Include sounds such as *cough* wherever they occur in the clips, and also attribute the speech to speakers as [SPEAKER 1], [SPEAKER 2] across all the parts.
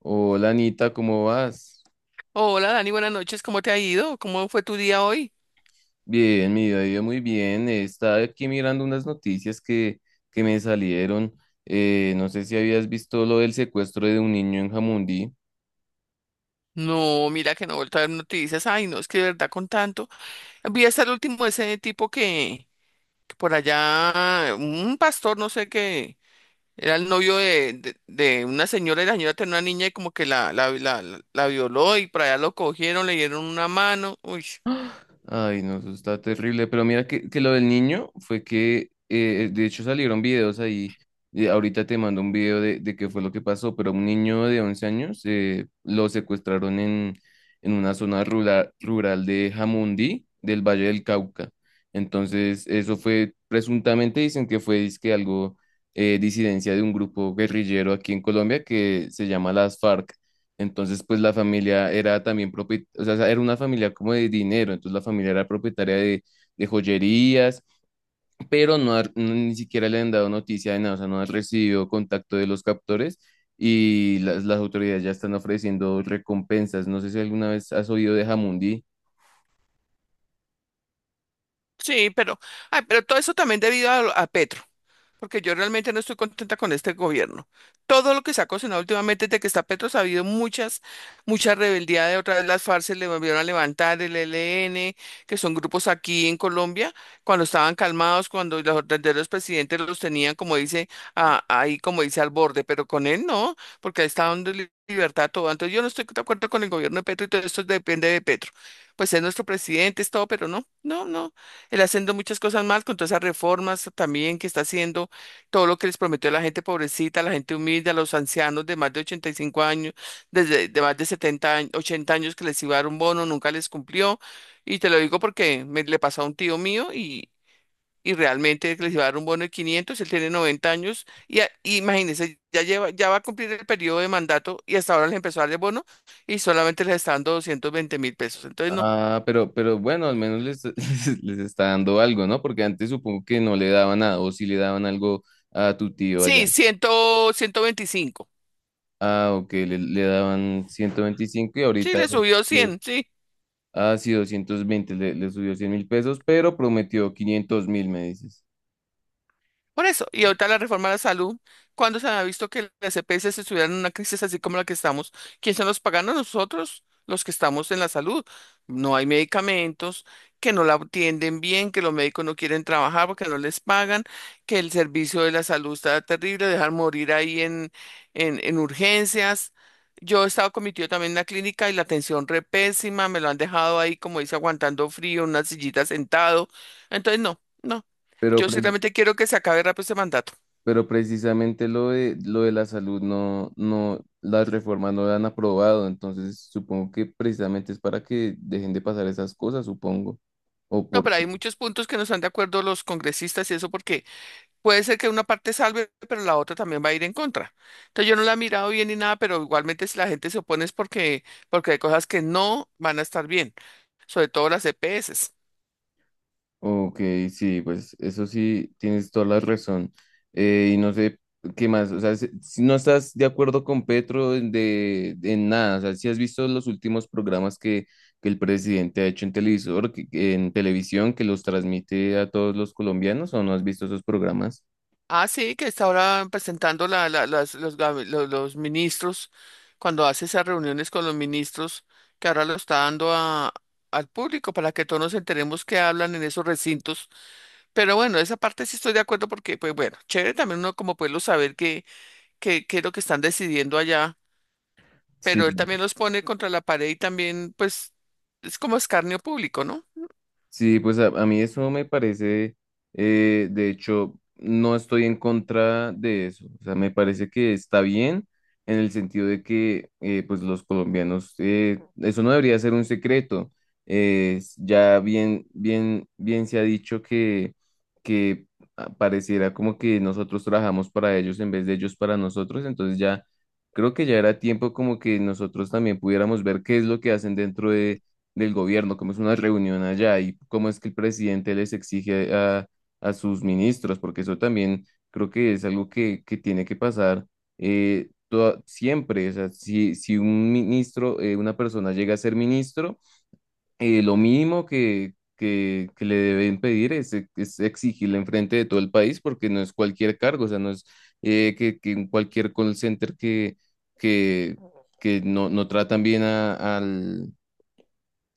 [SPEAKER 1] Hola Anita, ¿cómo vas?
[SPEAKER 2] Hola Dani, buenas noches, ¿cómo te ha ido? ¿Cómo fue tu día hoy?
[SPEAKER 1] Bien, mi día vida, yo muy bien. Estaba aquí mirando unas noticias que me salieron. No sé si habías visto lo del secuestro de un niño en Jamundí.
[SPEAKER 2] No, mira que no he vuelto a ver noticias. Ay, no, es que de verdad con tanto. Vi hasta el último ese tipo que por allá, un pastor, no sé qué, era el novio de una señora y la señora tenía una niña y como que la violó y por allá lo cogieron, le dieron una mano. Uy,
[SPEAKER 1] Ay, no, eso está terrible. Pero mira que lo del niño fue que, de hecho, salieron videos ahí. Ahorita te mando un video de qué fue lo que pasó, pero un niño de 11 años lo secuestraron en una zona rural de Jamundí, del Valle del Cauca. Entonces, eso fue, presuntamente dicen que fue dizque algo, disidencia de un grupo guerrillero aquí en Colombia que se llama las FARC. Entonces, pues la familia era también propietaria, o sea, era una familia como de dinero, entonces la familia era propietaria de joyerías, pero no, no, ni siquiera le han dado noticia de nada, o sea, no han recibido contacto de los captores y las autoridades ya están ofreciendo recompensas. No sé si alguna vez has oído de Jamundí.
[SPEAKER 2] sí, pero, ay, pero todo eso también debido a Petro. Porque yo realmente no estoy contenta con este gobierno. Todo lo que se ha cocinado últimamente desde que está Petro, ha habido mucha rebeldía, de otra vez las FARC se le volvieron a levantar, el E L N, que son grupos aquí en Colombia, cuando estaban calmados, cuando los verdaderos presidentes los tenían, como dice, ahí como dice al borde, pero con él no, porque ahí está dando libertad a todo. Entonces yo no estoy de acuerdo con el gobierno de Petro y todo esto depende de Petro. Pues es nuestro presidente, es todo, pero no, no, no. Él haciendo muchas cosas mal con todas esas reformas también que está haciendo, todo lo que les prometió a la gente pobrecita, a la gente humilde, a los ancianos de más de 85 años, desde de más de 70 años, 80 años, que les iba a dar un bono, nunca les cumplió. Y te lo digo porque me le pasó a un tío mío y realmente les iba a dar un bono de 500. Él tiene 90 años y, y imagínense, ya lleva, ya va a cumplir el periodo de mandato y hasta ahora les empezó a dar el bono y solamente les está dando 220.000 pesos. Entonces, no.
[SPEAKER 1] Ah, pero bueno, al menos *laughs* les está dando algo, ¿no? Porque antes supongo que no le daban nada, o si le daban algo a tu tío allá.
[SPEAKER 2] Sí, cien, 125.
[SPEAKER 1] Ah, ok, le daban 125 y
[SPEAKER 2] Sí,
[SPEAKER 1] ahorita...
[SPEAKER 2] le subió 100, sí.
[SPEAKER 1] Ah, sí, 220, le subió 100 mil pesos, pero prometió 500 mil, me dices.
[SPEAKER 2] Por eso, y ahorita la reforma a la salud, cuando se ha visto que las EPS se estuvieran en una crisis así como la que estamos? ¿Quiénes son los paganos? Nosotros, los que estamos en la salud. No hay medicamentos, que no la atienden bien, que los médicos no quieren trabajar porque no les pagan, que el servicio de la salud está terrible, dejar morir ahí en, en urgencias. Yo he estado con mi tío también en la clínica y la atención re pésima, me lo han dejado ahí, como dice, aguantando frío, en una sillita sentado. Entonces, no. No,
[SPEAKER 1] Pero,
[SPEAKER 2] yo ciertamente quiero que se acabe rápido este mandato.
[SPEAKER 1] pero precisamente lo lo de la salud no, las reformas no la han aprobado, entonces supongo que precisamente es para que dejen de pasar esas cosas, supongo. O
[SPEAKER 2] No,
[SPEAKER 1] por
[SPEAKER 2] pero hay muchos puntos que no están de acuerdo los congresistas y eso porque puede ser que una parte salve, pero la otra también va a ir en contra. Entonces yo no la he mirado bien ni nada, pero igualmente si la gente se opone es porque, porque hay cosas que no van a estar bien, sobre todo las EPS.
[SPEAKER 1] Ok, sí, pues eso sí, tienes toda la razón. Y no sé qué más, o sea, si no estás de acuerdo con Petro en nada, o sea, si has visto los últimos programas que el presidente ha hecho en televisor, que en televisión, que los transmite a todos los colombianos, ¿o no has visto esos programas?
[SPEAKER 2] Ah, sí, que está ahora presentando los ministros, cuando hace esas reuniones con los ministros, que ahora lo está dando a, al público para que todos nos enteremos qué hablan en esos recintos. Pero bueno, esa parte sí estoy de acuerdo porque, pues bueno, chévere también uno como pueblo saber qué, qué es lo que están decidiendo allá,
[SPEAKER 1] Sí.
[SPEAKER 2] pero él también los pone contra la pared y también, pues, es como escarnio público, ¿no?
[SPEAKER 1] Sí, pues a mí eso me parece, de hecho, no estoy en contra de eso. O sea, me parece que está bien en el sentido de que, pues los colombianos, eso no debería ser un secreto. Ya bien se ha dicho que ah, pareciera como que nosotros trabajamos para ellos en vez de ellos para nosotros. Entonces ya creo que ya era tiempo como que nosotros también pudiéramos ver qué es lo que hacen dentro del gobierno, cómo es una reunión allá y cómo es que el presidente les exige a sus ministros, porque eso también creo que es algo que tiene que pasar siempre. O sea, si un ministro, una persona llega a ser ministro, lo mínimo que le deben pedir es exigirle enfrente de todo el país, porque no es cualquier cargo, o sea, no es que en cualquier call center que que no tratan bien al,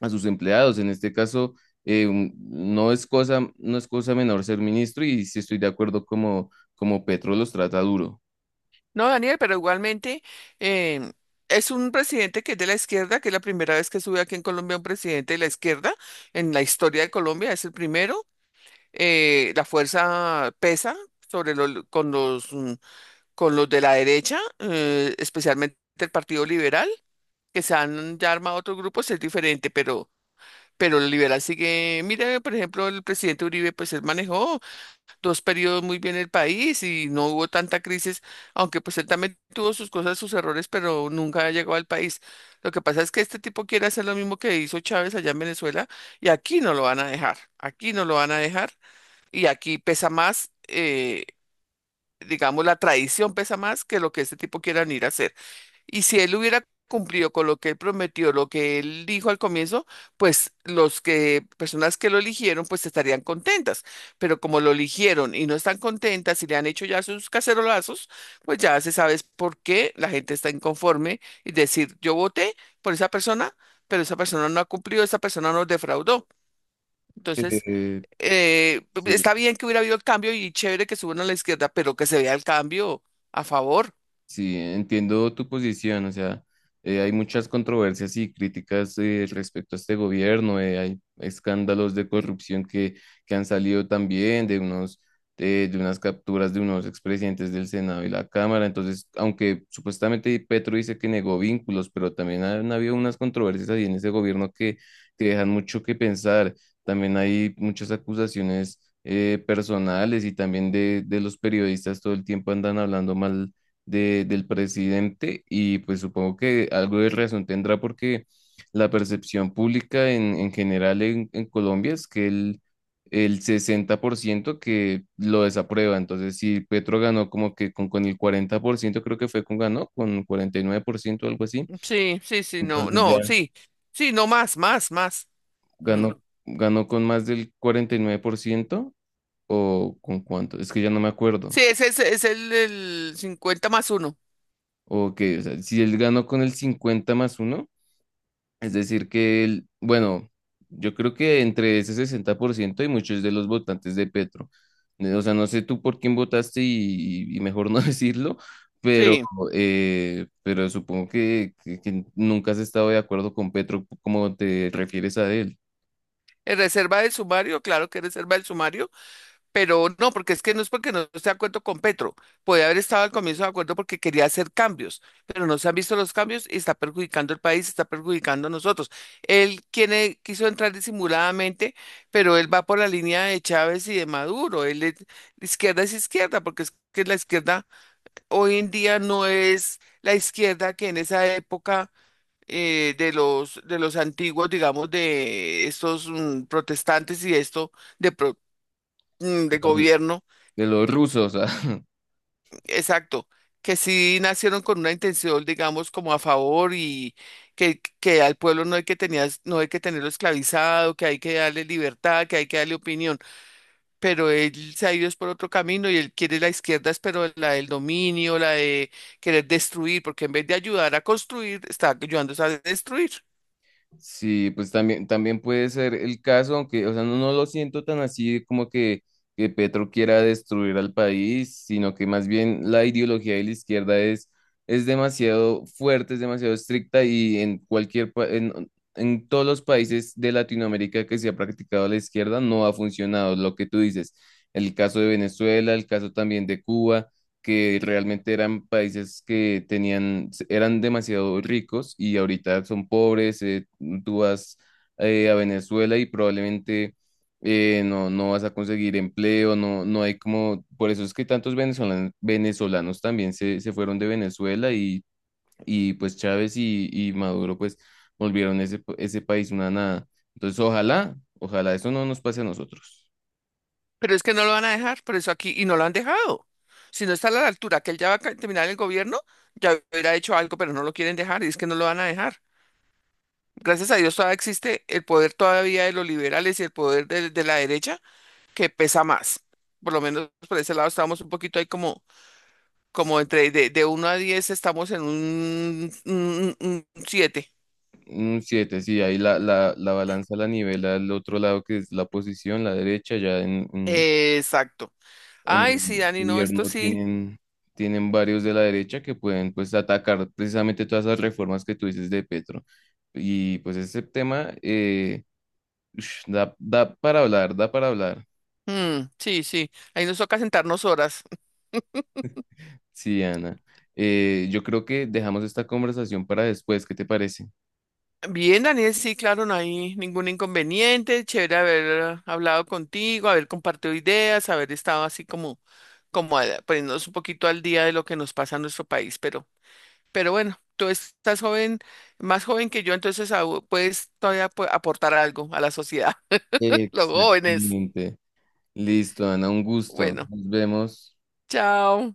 [SPEAKER 1] a sus empleados. En este caso, no es cosa, no es cosa menor ser ministro y sí estoy de acuerdo como Petro los trata duro.
[SPEAKER 2] No, Daniel, pero igualmente em, es un presidente que es de la izquierda, que es la primera vez que sube aquí en Colombia un presidente de la izquierda en la historia de Colombia, es el primero. La fuerza pesa sobre los, con los, con los de la derecha, especialmente el Partido Liberal. Que se han ya armado otros grupos es diferente, pero el liberal sigue, mira, por ejemplo, el presidente Uribe, pues él manejó dos periodos muy bien el país y no hubo tanta crisis, aunque pues él también tuvo sus cosas, sus errores, pero nunca llegó al país. Lo que pasa es que este tipo quiere hacer lo mismo que hizo Chávez allá en Venezuela y aquí no lo van a dejar, aquí no lo van a dejar, y aquí pesa más, digamos, la tradición pesa más que lo que este tipo quiera ir a hacer. Y si él hubiera cumplido con lo que él prometió, lo que él dijo al comienzo, pues los que, personas que lo eligieron, pues estarían contentas. Pero como lo eligieron y no están contentas y le han hecho ya sus cacerolazos, pues ya se sabe es por qué la gente está inconforme y decir, yo voté por esa persona, pero esa persona no ha cumplido, esa persona nos defraudó. Entonces,
[SPEAKER 1] Eh, sí.
[SPEAKER 2] está bien que hubiera habido el cambio y chévere que suban a la izquierda, pero que se vea el cambio a favor.
[SPEAKER 1] Sí, entiendo tu posición, o sea, hay muchas controversias y críticas respecto a este gobierno, hay escándalos de corrupción que han salido también de unos, de unas capturas de unos expresidentes del Senado y la Cámara, entonces, aunque supuestamente Petro dice que negó vínculos, pero también han habido unas controversias ahí en ese gobierno que dejan mucho que pensar, también hay muchas acusaciones personales y también de los periodistas todo el tiempo andan hablando mal del presidente y pues supongo que algo de razón tendrá porque la percepción pública en general en Colombia es que el 60% que lo desaprueba. Entonces, si Petro ganó como que con el 40%, creo que fue con ganó, con 49% o algo así.
[SPEAKER 2] Sí, sí, sí, no,
[SPEAKER 1] Entonces ya
[SPEAKER 2] no, sí, sí, no más, más, más. Mm.
[SPEAKER 1] ganó, ganó con más del 49% o con cuánto, es que ya no me acuerdo.
[SPEAKER 2] Sí, ese es el 50 más uno.
[SPEAKER 1] O que, o sea, si él ganó con el 50 más uno. Es decir, que él, bueno, yo creo que entre ese 60% hay muchos de los votantes de Petro. O sea, no sé tú por quién votaste y mejor no *laughs* decirlo, pero,
[SPEAKER 2] Sí,
[SPEAKER 1] pero supongo que nunca has estado de acuerdo con Petro como te refieres a él,
[SPEAKER 2] en reserva del sumario, claro que es reserva del sumario, pero no, porque es que no es porque no esté de acuerdo con Petro. Puede haber estado al comienzo de acuerdo porque quería hacer cambios, pero no se han visto los cambios y está perjudicando el país, está perjudicando a nosotros. Él quiere, quiso entrar disimuladamente, pero él va por la línea de Chávez y de Maduro. Él es, la izquierda es izquierda, porque es que la izquierda hoy en día no es la izquierda que en esa época, de los antiguos, digamos, de estos, protestantes y esto de pro-
[SPEAKER 1] de
[SPEAKER 2] de
[SPEAKER 1] los
[SPEAKER 2] gobierno,
[SPEAKER 1] rusos. *laughs* ah.
[SPEAKER 2] exacto, que sí nacieron con una intención, digamos, como a favor y que al pueblo no hay que no hay que tenerlo esclavizado, que hay que darle libertad, que hay que darle opinión. Pero él se ha ido es por otro camino y él quiere la izquierda, es pero la del dominio, la de querer destruir, porque en vez de ayudar a construir, está ayudando a destruir.
[SPEAKER 1] Sí, pues también, también puede ser el caso, aunque, o sea, no, no lo siento tan así como que Petro quiera destruir al país, sino que más bien la ideología de la izquierda es demasiado fuerte, es demasiado estricta y en en todos los países de Latinoamérica que se ha practicado la izquierda no ha funcionado, lo que tú dices, el caso de Venezuela, el caso también de Cuba que realmente eran países que tenían, eran demasiado ricos y ahorita son pobres, tú vas a Venezuela y probablemente no vas a conseguir empleo, no hay como, por eso es que tantos venezolanos, venezolanos también se fueron de Venezuela y pues Chávez y Maduro pues volvieron ese país una nada. Entonces, ojalá, ojalá eso no nos pase a nosotros.
[SPEAKER 2] Pero es que no lo van a dejar, por eso aquí, y no lo han dejado. Si no está a la altura, que él ya va a terminar el gobierno, ya hubiera hecho algo, pero no lo quieren dejar, y es que no lo van a dejar. Gracias a Dios todavía existe el poder todavía de los liberales y el poder de la derecha, que pesa más. Por lo menos por ese lado estábamos un poquito ahí como, como entre de 1 a 10 estamos en un, 7.
[SPEAKER 1] Un 7, sí, ahí la balanza la nivela al otro lado que es la oposición, la derecha, ya
[SPEAKER 2] Exacto.
[SPEAKER 1] en
[SPEAKER 2] Ay, sí,
[SPEAKER 1] el
[SPEAKER 2] Dani, no, esto
[SPEAKER 1] gobierno
[SPEAKER 2] sí.
[SPEAKER 1] tienen varios de la derecha que pueden pues atacar precisamente todas esas reformas que tú dices de Petro. Y pues ese tema ush, da para hablar, da para hablar.
[SPEAKER 2] Mm, sí, sí. Ahí nos toca sentarnos horas.
[SPEAKER 1] Sí, Ana. Yo creo que dejamos esta conversación para después, ¿qué te parece?
[SPEAKER 2] *laughs* Bien, Daniel, sí, claro, no hay ningún inconveniente. Chévere haber hablado contigo, haber compartido ideas, haber estado así como, como poniéndonos un poquito al día de lo que nos pasa en nuestro país. Pero bueno, tú estás joven, más joven que yo, entonces puedes todavía aportar algo a la sociedad, *laughs* los jóvenes.
[SPEAKER 1] Exactamente. Listo, Ana, un gusto.
[SPEAKER 2] Bueno,
[SPEAKER 1] Nos vemos.
[SPEAKER 2] chao.